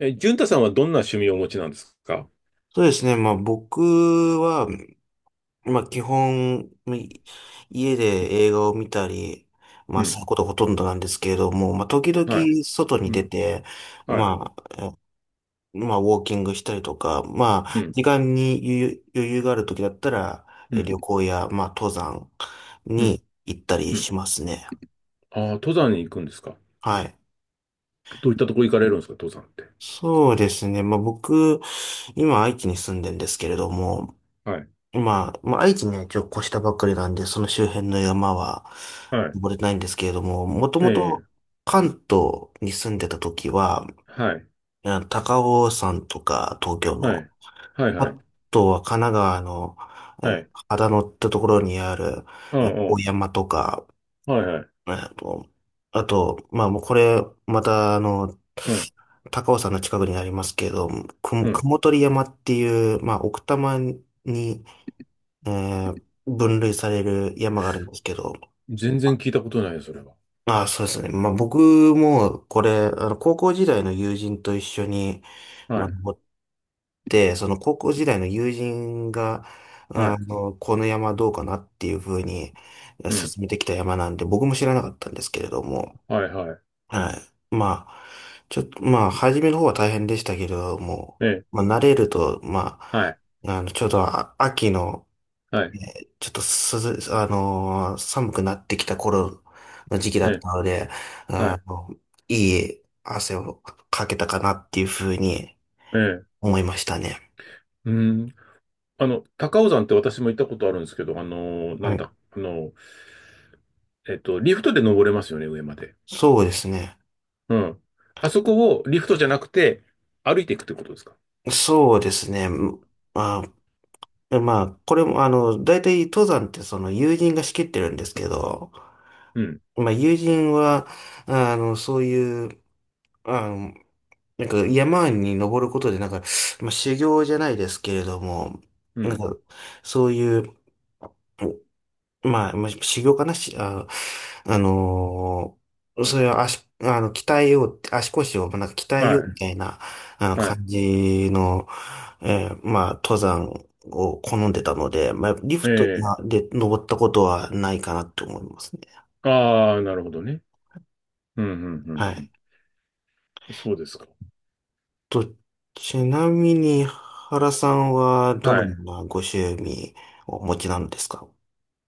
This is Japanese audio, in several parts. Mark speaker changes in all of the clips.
Speaker 1: 淳太さんはどんな趣味をお持ちなんですか？
Speaker 2: そうですね。まあ僕は、まあ基本、家で映画を見たり、ま
Speaker 1: う
Speaker 2: あす
Speaker 1: ん。
Speaker 2: ることがほとんどなんですけれども、まあ時々
Speaker 1: はい。
Speaker 2: 外に
Speaker 1: う
Speaker 2: 出
Speaker 1: ん。
Speaker 2: て、
Speaker 1: はい。
Speaker 2: まあ、まあウォーキングしたりとか、ま
Speaker 1: う
Speaker 2: あ
Speaker 1: ん。
Speaker 2: 時間に余裕がある時だったら、
Speaker 1: うん。
Speaker 2: 旅行や、まあ登山
Speaker 1: うん。
Speaker 2: に行ったり
Speaker 1: うん。
Speaker 2: しますね。
Speaker 1: ああ、登山に行くんですか？
Speaker 2: はい。
Speaker 1: どういったとこ行かれるんですか、登山って。
Speaker 2: そうですね。まあ僕、今愛知に住んでるんですけれども、
Speaker 1: はい。
Speaker 2: 愛知ね、一応越したばっかりなんで、その周辺の山は
Speaker 1: はい。
Speaker 2: 登れないんですけれども、もと
Speaker 1: え
Speaker 2: もと
Speaker 1: え。
Speaker 2: 関東に住んでた時は、
Speaker 1: はい。
Speaker 2: 高尾山とか東京
Speaker 1: は
Speaker 2: の、
Speaker 1: い。はい。
Speaker 2: あ
Speaker 1: はい。
Speaker 2: とは神奈川の、
Speaker 1: はい。
Speaker 2: 秦野ってところにある、
Speaker 1: うんう
Speaker 2: 大
Speaker 1: ん。
Speaker 2: 山とか、
Speaker 1: はいはい。
Speaker 2: えーと、あと、まあもうこれ、また
Speaker 1: うん。
Speaker 2: 高尾山の近くになりますけれども、
Speaker 1: うん。
Speaker 2: 雲取山っていう、まあ奥多摩に、えー分類される山があるんですけど、
Speaker 1: 全然聞いたことないよ、それは。
Speaker 2: ああ、そうですね。まあ僕もこれ、高校時代の友人と一緒に、
Speaker 1: は
Speaker 2: まあ、
Speaker 1: い。
Speaker 2: 登って、その高校時代の友人が、
Speaker 1: はい。
Speaker 2: この山どうかなっていうふうに
Speaker 1: うん。
Speaker 2: 進めてきた山なんで、僕も知らなかったんですけれども、
Speaker 1: はいはい。
Speaker 2: はい。まあ、ちょっと、まあ、初めの方は大変でしたけれども、
Speaker 1: ええ。
Speaker 2: まあ、慣れると、ま
Speaker 1: はい。
Speaker 2: あ、ちょうど秋の、
Speaker 1: はい。
Speaker 2: ちょっと涼、あのー寒くなってきた頃の時期だ
Speaker 1: え
Speaker 2: っ
Speaker 1: え。
Speaker 2: たので、
Speaker 1: は
Speaker 2: あ
Speaker 1: い。
Speaker 2: の、いい汗をかけたかなっていうふうに
Speaker 1: ええ。
Speaker 2: 思いましたね。
Speaker 1: うん。高尾山って私も行ったことあるんですけど、あのーな
Speaker 2: は
Speaker 1: ん
Speaker 2: い。
Speaker 1: だ、あのーえっと、リフトで登れますよね、上まで。
Speaker 2: そうですね。
Speaker 1: うん。あそこをリフトじゃなくて、歩いていくってことですか？
Speaker 2: そうですね。まあ、まあ、これも、大体登山ってその友人が仕切ってるんですけど、
Speaker 1: うん、
Speaker 2: まあ、友人は、あの、そういう、あの、なんか山に登ることで、なんか、まあ、修行じゃないですけれども、
Speaker 1: う
Speaker 2: なん
Speaker 1: ん。
Speaker 2: か、そういう、まあ、まあ修行かなし、あ、あのーそれは足、あの、鍛えようって、足腰をなんか鍛
Speaker 1: は
Speaker 2: えようみ
Speaker 1: い、
Speaker 2: たいな、あの、
Speaker 1: はい。
Speaker 2: 感じの、えーまあ、登山を好んでたので、まあ、リフト
Speaker 1: ええ。
Speaker 2: まで登ったことはないかなと思いますね。
Speaker 1: ああ、なるほどね。うん、うん、うん。
Speaker 2: は
Speaker 1: う
Speaker 2: い。
Speaker 1: ん。そうですか。
Speaker 2: と、ちなみに、原さんはどの
Speaker 1: は
Speaker 2: よう
Speaker 1: い。
Speaker 2: なご趣味をお持ちなんですか？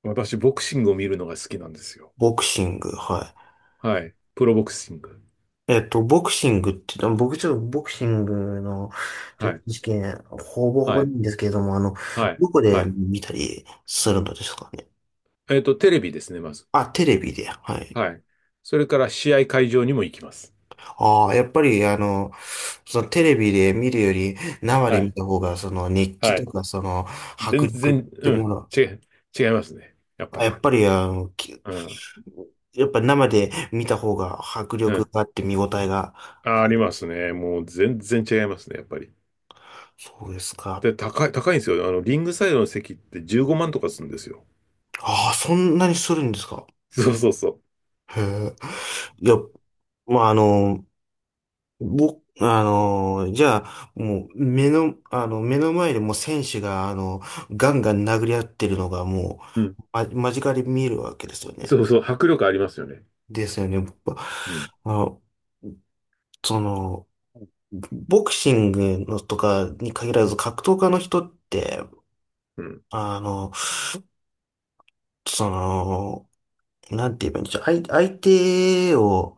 Speaker 1: 私、ボクシングを見るのが好きなんですよ。
Speaker 2: ボクシング、はい。
Speaker 1: はい。プロボクシング。
Speaker 2: ボクシングって、でも僕ちょっとボクシングのちょ
Speaker 1: は
Speaker 2: っと
Speaker 1: い、
Speaker 2: 事件、ほぼほ
Speaker 1: は
Speaker 2: ぼ
Speaker 1: い、
Speaker 2: ないんですけれども、
Speaker 1: はい、
Speaker 2: どこ
Speaker 1: は
Speaker 2: で
Speaker 1: い。
Speaker 2: 見たりするのですかね？
Speaker 1: テレビですね、まず。
Speaker 2: あ、テレビで、はい。
Speaker 1: はい。それから試合会場にも行きます。
Speaker 2: ああ、やっぱり、そのテレビで見るより生
Speaker 1: は
Speaker 2: で見
Speaker 1: い、
Speaker 2: た方が、その熱気
Speaker 1: は
Speaker 2: と
Speaker 1: い。
Speaker 2: か、その
Speaker 1: 全
Speaker 2: 迫力っ
Speaker 1: 然、
Speaker 2: て
Speaker 1: う
Speaker 2: も
Speaker 1: ん、
Speaker 2: の、
Speaker 1: 違い、違いますね。やっぱ
Speaker 2: あ、や
Speaker 1: り。
Speaker 2: っぱり、
Speaker 1: うん、
Speaker 2: やっぱ生で見た方が迫
Speaker 1: う
Speaker 2: 力
Speaker 1: ん。
Speaker 2: があって見応えがあ
Speaker 1: あ、あり
Speaker 2: る。
Speaker 1: ますね。もう全然違いますね、やっぱり。
Speaker 2: そうですか。
Speaker 1: で、高いんですよ。リングサイドの席って15万とかするんですよ。
Speaker 2: ああ、そんなにするんですか？
Speaker 1: そうそうそ
Speaker 2: へえ。いや、まあ、僕、じゃあ、もう、目の前でもう選手が、ガンガン殴り合ってるのが、も
Speaker 1: う。うん。
Speaker 2: う、間近で見えるわけですよね。
Speaker 1: そうそう、迫力ありますよね。
Speaker 2: ですよね。ぼ
Speaker 1: うん。
Speaker 2: あ、その、ボクシングのとかに限らず、格闘家の人って、
Speaker 1: うん。
Speaker 2: あの、その、なんて言えばいいんでしょう。相手を、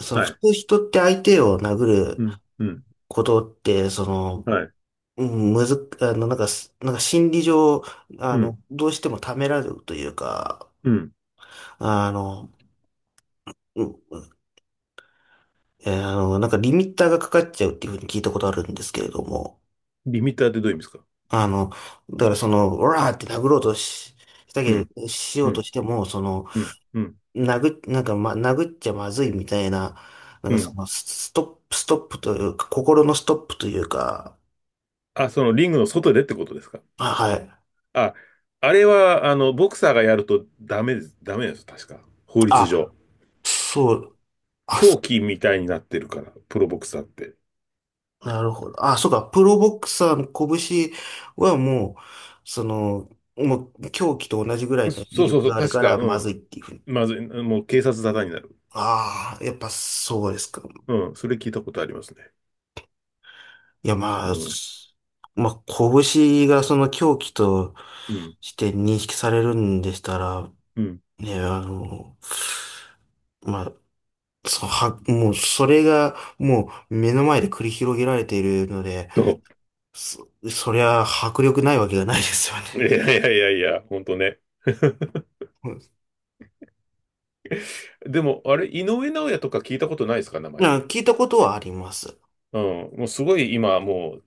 Speaker 1: は
Speaker 2: 普
Speaker 1: い。
Speaker 2: 通人って相手を殴る
Speaker 1: うん。うん。
Speaker 2: ことって、
Speaker 1: はい。
Speaker 2: うん、むずっ、あの、なんかす、なんか心理上、
Speaker 1: うん。
Speaker 2: どうしてもためられるというか、
Speaker 1: うん。
Speaker 2: あの、うん、なんかリミッターがかかっちゃうっていうふうに聞いたことあるんですけれども、
Speaker 1: リミッターってどういう意味ですか？
Speaker 2: あの、だからその、オラーって殴ろうとし、した
Speaker 1: う
Speaker 2: け
Speaker 1: ん。
Speaker 2: ど、し
Speaker 1: う
Speaker 2: ようと
Speaker 1: ん。
Speaker 2: しても、
Speaker 1: うん。うん。
Speaker 2: 殴っちゃまずいみたいな、なん
Speaker 1: う
Speaker 2: かそ
Speaker 1: ん。
Speaker 2: の、ストップというか、心のストップというか、
Speaker 1: あ、そのリングの外でってことですか？
Speaker 2: あ、はい。
Speaker 1: あ、あれは、ボクサーがやるとダメです。ダメです。確か。法律
Speaker 2: あ、
Speaker 1: 上。
Speaker 2: そう。あ
Speaker 1: 狂気みたいになってるから、プロボクサーって。
Speaker 2: なるほど。あ、そうか。プロボクサーの拳はもう、もう狂気と同じぐらい
Speaker 1: そ
Speaker 2: の威
Speaker 1: そうそう
Speaker 2: 力
Speaker 1: そ
Speaker 2: が
Speaker 1: う。
Speaker 2: ある
Speaker 1: 確
Speaker 2: か
Speaker 1: か、
Speaker 2: ら、
Speaker 1: う
Speaker 2: まずい
Speaker 1: ん。
Speaker 2: っていうふうに。
Speaker 1: まずい、もう警察沙汰になる。
Speaker 2: ああ、やっぱそうですか。
Speaker 1: うん。それ聞いたことありますね。
Speaker 2: いや、ま
Speaker 1: う
Speaker 2: あ、
Speaker 1: ん、
Speaker 2: まあ、拳がその狂気と
Speaker 1: うん、
Speaker 2: して認識されるんでしたら、
Speaker 1: うん。
Speaker 2: ね、まあ、そのは、もう、それが、もう、目の前で繰り広げられているので、
Speaker 1: そ
Speaker 2: そりゃ、迫力ないわけがないですよね。
Speaker 1: う。いやいやいやいや、ほんとね。でも、あれ、井上尚弥とか聞いたことないですか、名前？
Speaker 2: 聞いたことはあります。
Speaker 1: うん。もうすごい今、もう、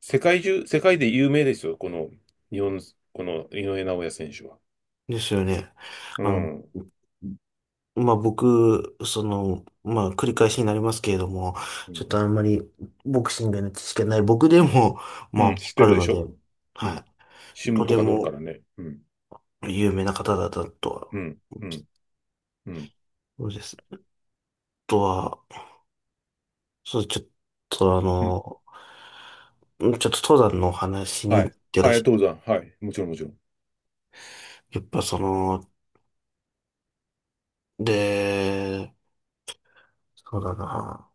Speaker 1: 世界中、世界で有名ですよ、この、日本、この井上尚弥選手は。
Speaker 2: ですよね。
Speaker 1: う
Speaker 2: あの、
Speaker 1: ん。
Speaker 2: まあ、僕、まあ、繰り返しになりますけれども、
Speaker 1: う
Speaker 2: ち
Speaker 1: ん、
Speaker 2: ょっとあんまりボクシングの知識がない僕でも、ま
Speaker 1: う
Speaker 2: あ、
Speaker 1: ん、
Speaker 2: わ
Speaker 1: 知っ
Speaker 2: か
Speaker 1: て
Speaker 2: る
Speaker 1: るで
Speaker 2: の
Speaker 1: し
Speaker 2: で、
Speaker 1: ょ？うん。
Speaker 2: はい。
Speaker 1: 新
Speaker 2: と
Speaker 1: 聞と
Speaker 2: て
Speaker 1: か載るか
Speaker 2: も
Speaker 1: らね。うん。
Speaker 2: 有名な方だったと
Speaker 1: う
Speaker 2: は、
Speaker 1: ん。うん。うん。
Speaker 2: そうです。あとは、そう、ちょっとあ
Speaker 1: うん。
Speaker 2: の、ちょっと登山のお話にも
Speaker 1: は
Speaker 2: よっ
Speaker 1: い。
Speaker 2: てら
Speaker 1: はい、
Speaker 2: しい
Speaker 1: 登山。はい。もちろん、もちろん。
Speaker 2: やっぱで、そうだな。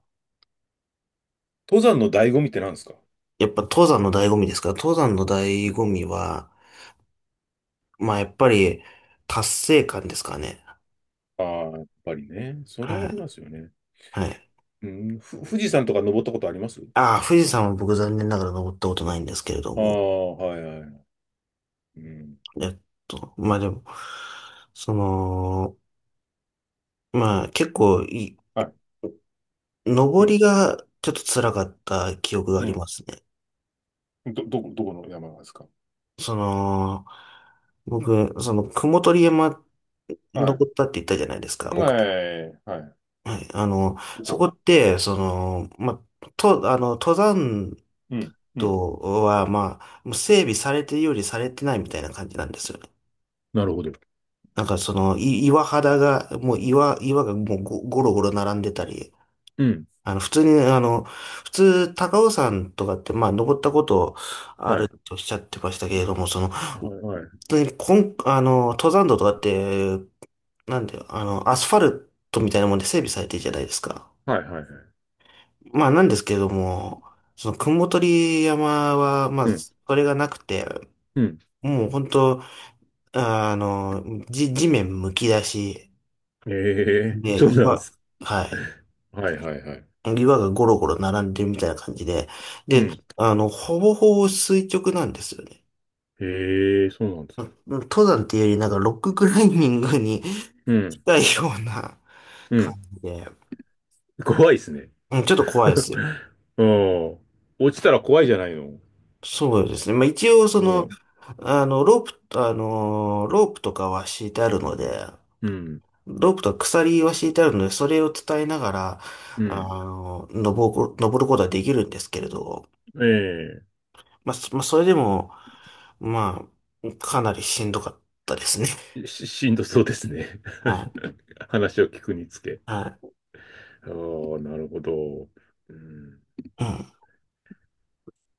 Speaker 1: 登山の醍醐味って何ですか？
Speaker 2: やっぱ登山の醍醐味ですから、登山の
Speaker 1: う
Speaker 2: 醍
Speaker 1: ん。
Speaker 2: 醐味は、まあ、やっぱり、達成感ですかね。
Speaker 1: ああ、やっぱりね。それは
Speaker 2: は
Speaker 1: あり
Speaker 2: い。
Speaker 1: ますよね。
Speaker 2: はい。
Speaker 1: うん。富士山とか登ったことあります？
Speaker 2: ああ、富士山は僕残念ながら登ったことないんですけれど
Speaker 1: あ
Speaker 2: も。
Speaker 1: あ、はいはい。うん。
Speaker 2: えっまあでも、その、まあ結構
Speaker 1: はい。う
Speaker 2: 登り
Speaker 1: ん。
Speaker 2: がちょっと辛かった記憶があ
Speaker 1: う
Speaker 2: りま
Speaker 1: ん。
Speaker 2: すね。
Speaker 1: どこの山ですか？
Speaker 2: その、僕、雲取山
Speaker 1: はい。
Speaker 2: 登ったって言ったじゃないですか。
Speaker 1: はい。はい。
Speaker 2: はい。
Speaker 1: こ
Speaker 2: そこ
Speaker 1: こ。
Speaker 2: って、まあ、と、あの、登山
Speaker 1: うん。うん。
Speaker 2: とは、まあ、もう整備されてるよりされてないみたいな感じなんですよね。
Speaker 1: なるほど。
Speaker 2: なんか岩肌が、もう岩がもうゴロゴロ並んでたり、
Speaker 1: うん。
Speaker 2: あの、普通に、あの、普通、高尾山とかって、まあ、登ったことあ
Speaker 1: は
Speaker 2: る
Speaker 1: い。
Speaker 2: とおっしゃってましたけれども、
Speaker 1: は
Speaker 2: 本
Speaker 1: い。はい。
Speaker 2: 当にこん、あの、登山道とかって、なんで、アスファルトみたいなもんで整備されてるじゃないですか。
Speaker 1: はい。はい。
Speaker 2: まあ、なんですけれども、雲取山は、まあ、
Speaker 1: うん。
Speaker 2: それがなくて、
Speaker 1: うん。
Speaker 2: もう本当あの、地面むき出し
Speaker 1: ええ。
Speaker 2: で、
Speaker 1: そうなんです。
Speaker 2: はい。
Speaker 1: はいはいはい。
Speaker 2: 岩がゴロゴロ並んでるみたいな感じで。
Speaker 1: う
Speaker 2: で、
Speaker 1: ん。
Speaker 2: ほぼほぼ垂直なんですよね。
Speaker 1: ええ。そうなんで
Speaker 2: う
Speaker 1: す。
Speaker 2: ん登山っていうより、なんかロッククライミングに
Speaker 1: う ん。
Speaker 2: 近いような
Speaker 1: う
Speaker 2: 感
Speaker 1: ん。
Speaker 2: じで。
Speaker 1: 怖いですね。
Speaker 2: うんちょっと怖いですよ。
Speaker 1: うん。落ちたら怖いじゃないの。
Speaker 2: そうですね。まあ一応、
Speaker 1: うん。
Speaker 2: あの、ローロープとかは敷いてある
Speaker 1: う
Speaker 2: の
Speaker 1: ん。
Speaker 2: で、
Speaker 1: うん。
Speaker 2: ロープと鎖は敷いてあるので、それを伝えながら、
Speaker 1: う
Speaker 2: あ
Speaker 1: ん。
Speaker 2: 登ることはできるんですけれど、
Speaker 1: ええ。
Speaker 2: まあ、まあ、それでも、まあ、かなりしんどかったですね。
Speaker 1: しんどそうですね。
Speaker 2: はい。
Speaker 1: 話を聞くにつけ。
Speaker 2: は
Speaker 1: ああ、なるほど。うん。
Speaker 2: い。う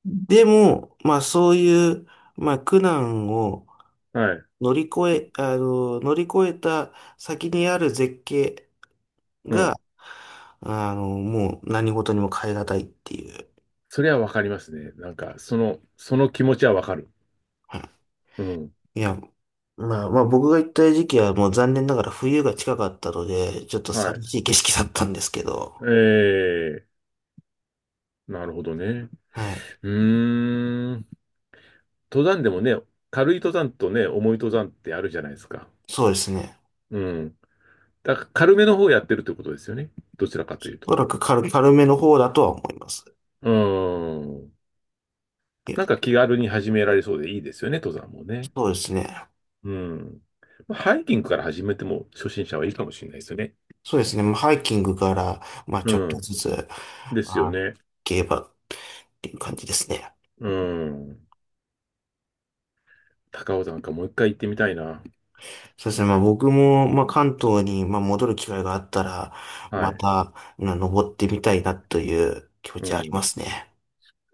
Speaker 2: ん。でも、まあ、そういう、まあ、苦難を
Speaker 1: はい。
Speaker 2: 乗り越え、あの、乗り越えた先にある絶景
Speaker 1: う
Speaker 2: が、
Speaker 1: ん。
Speaker 2: もう何事にも代え難いっていう。
Speaker 1: それはわかりますね。なんか、その気持ちはわかる。うん。
Speaker 2: いや、まあ、僕が行った時期はもう残念ながら冬が近かったので、ちょっと
Speaker 1: は
Speaker 2: 寂
Speaker 1: い。
Speaker 2: しい景色だったんですけど、
Speaker 1: ええ、なるほどね。
Speaker 2: はい。
Speaker 1: うーん。登山でもね、軽い登山とね、重い登山ってあるじゃないですか。
Speaker 2: そうですね。
Speaker 1: うん。だから軽めの方やってるってことですよね。どちらかというと。
Speaker 2: おそらく軽めの方だとは思います。
Speaker 1: うーん。
Speaker 2: いや、
Speaker 1: なんか気軽に始められそうでいいですよね、登山もね。
Speaker 2: そうですね。
Speaker 1: うん。まあハイキングから始めても初心者はいいかもしれないですよね。
Speaker 2: そうですね。まあ、ハイキングから、まあ
Speaker 1: う
Speaker 2: ちょっと
Speaker 1: ん。
Speaker 2: ずつ、
Speaker 1: です
Speaker 2: ま
Speaker 1: よ
Speaker 2: あ、
Speaker 1: ね。
Speaker 2: 競馬っていう感じですね。
Speaker 1: うん。高尾山かもう一回行ってみたいな。
Speaker 2: そうですね。まあ僕も、まあ関東に、まあ戻る機会があったら、
Speaker 1: は
Speaker 2: ま
Speaker 1: い。
Speaker 2: た、まあ登ってみたいなという気持
Speaker 1: う
Speaker 2: ちはあり
Speaker 1: ん。
Speaker 2: ま
Speaker 1: で
Speaker 2: すね。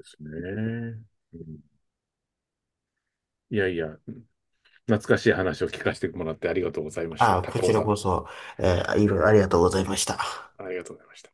Speaker 1: すね。うん。いやいや、懐かしい話を聞かせてもらってありがとうございまし
Speaker 2: あ
Speaker 1: た。
Speaker 2: あ、こ
Speaker 1: 高
Speaker 2: ち
Speaker 1: 尾
Speaker 2: らこ
Speaker 1: 山、
Speaker 2: そ、いろいろありがとうございました。
Speaker 1: ありがとうございました。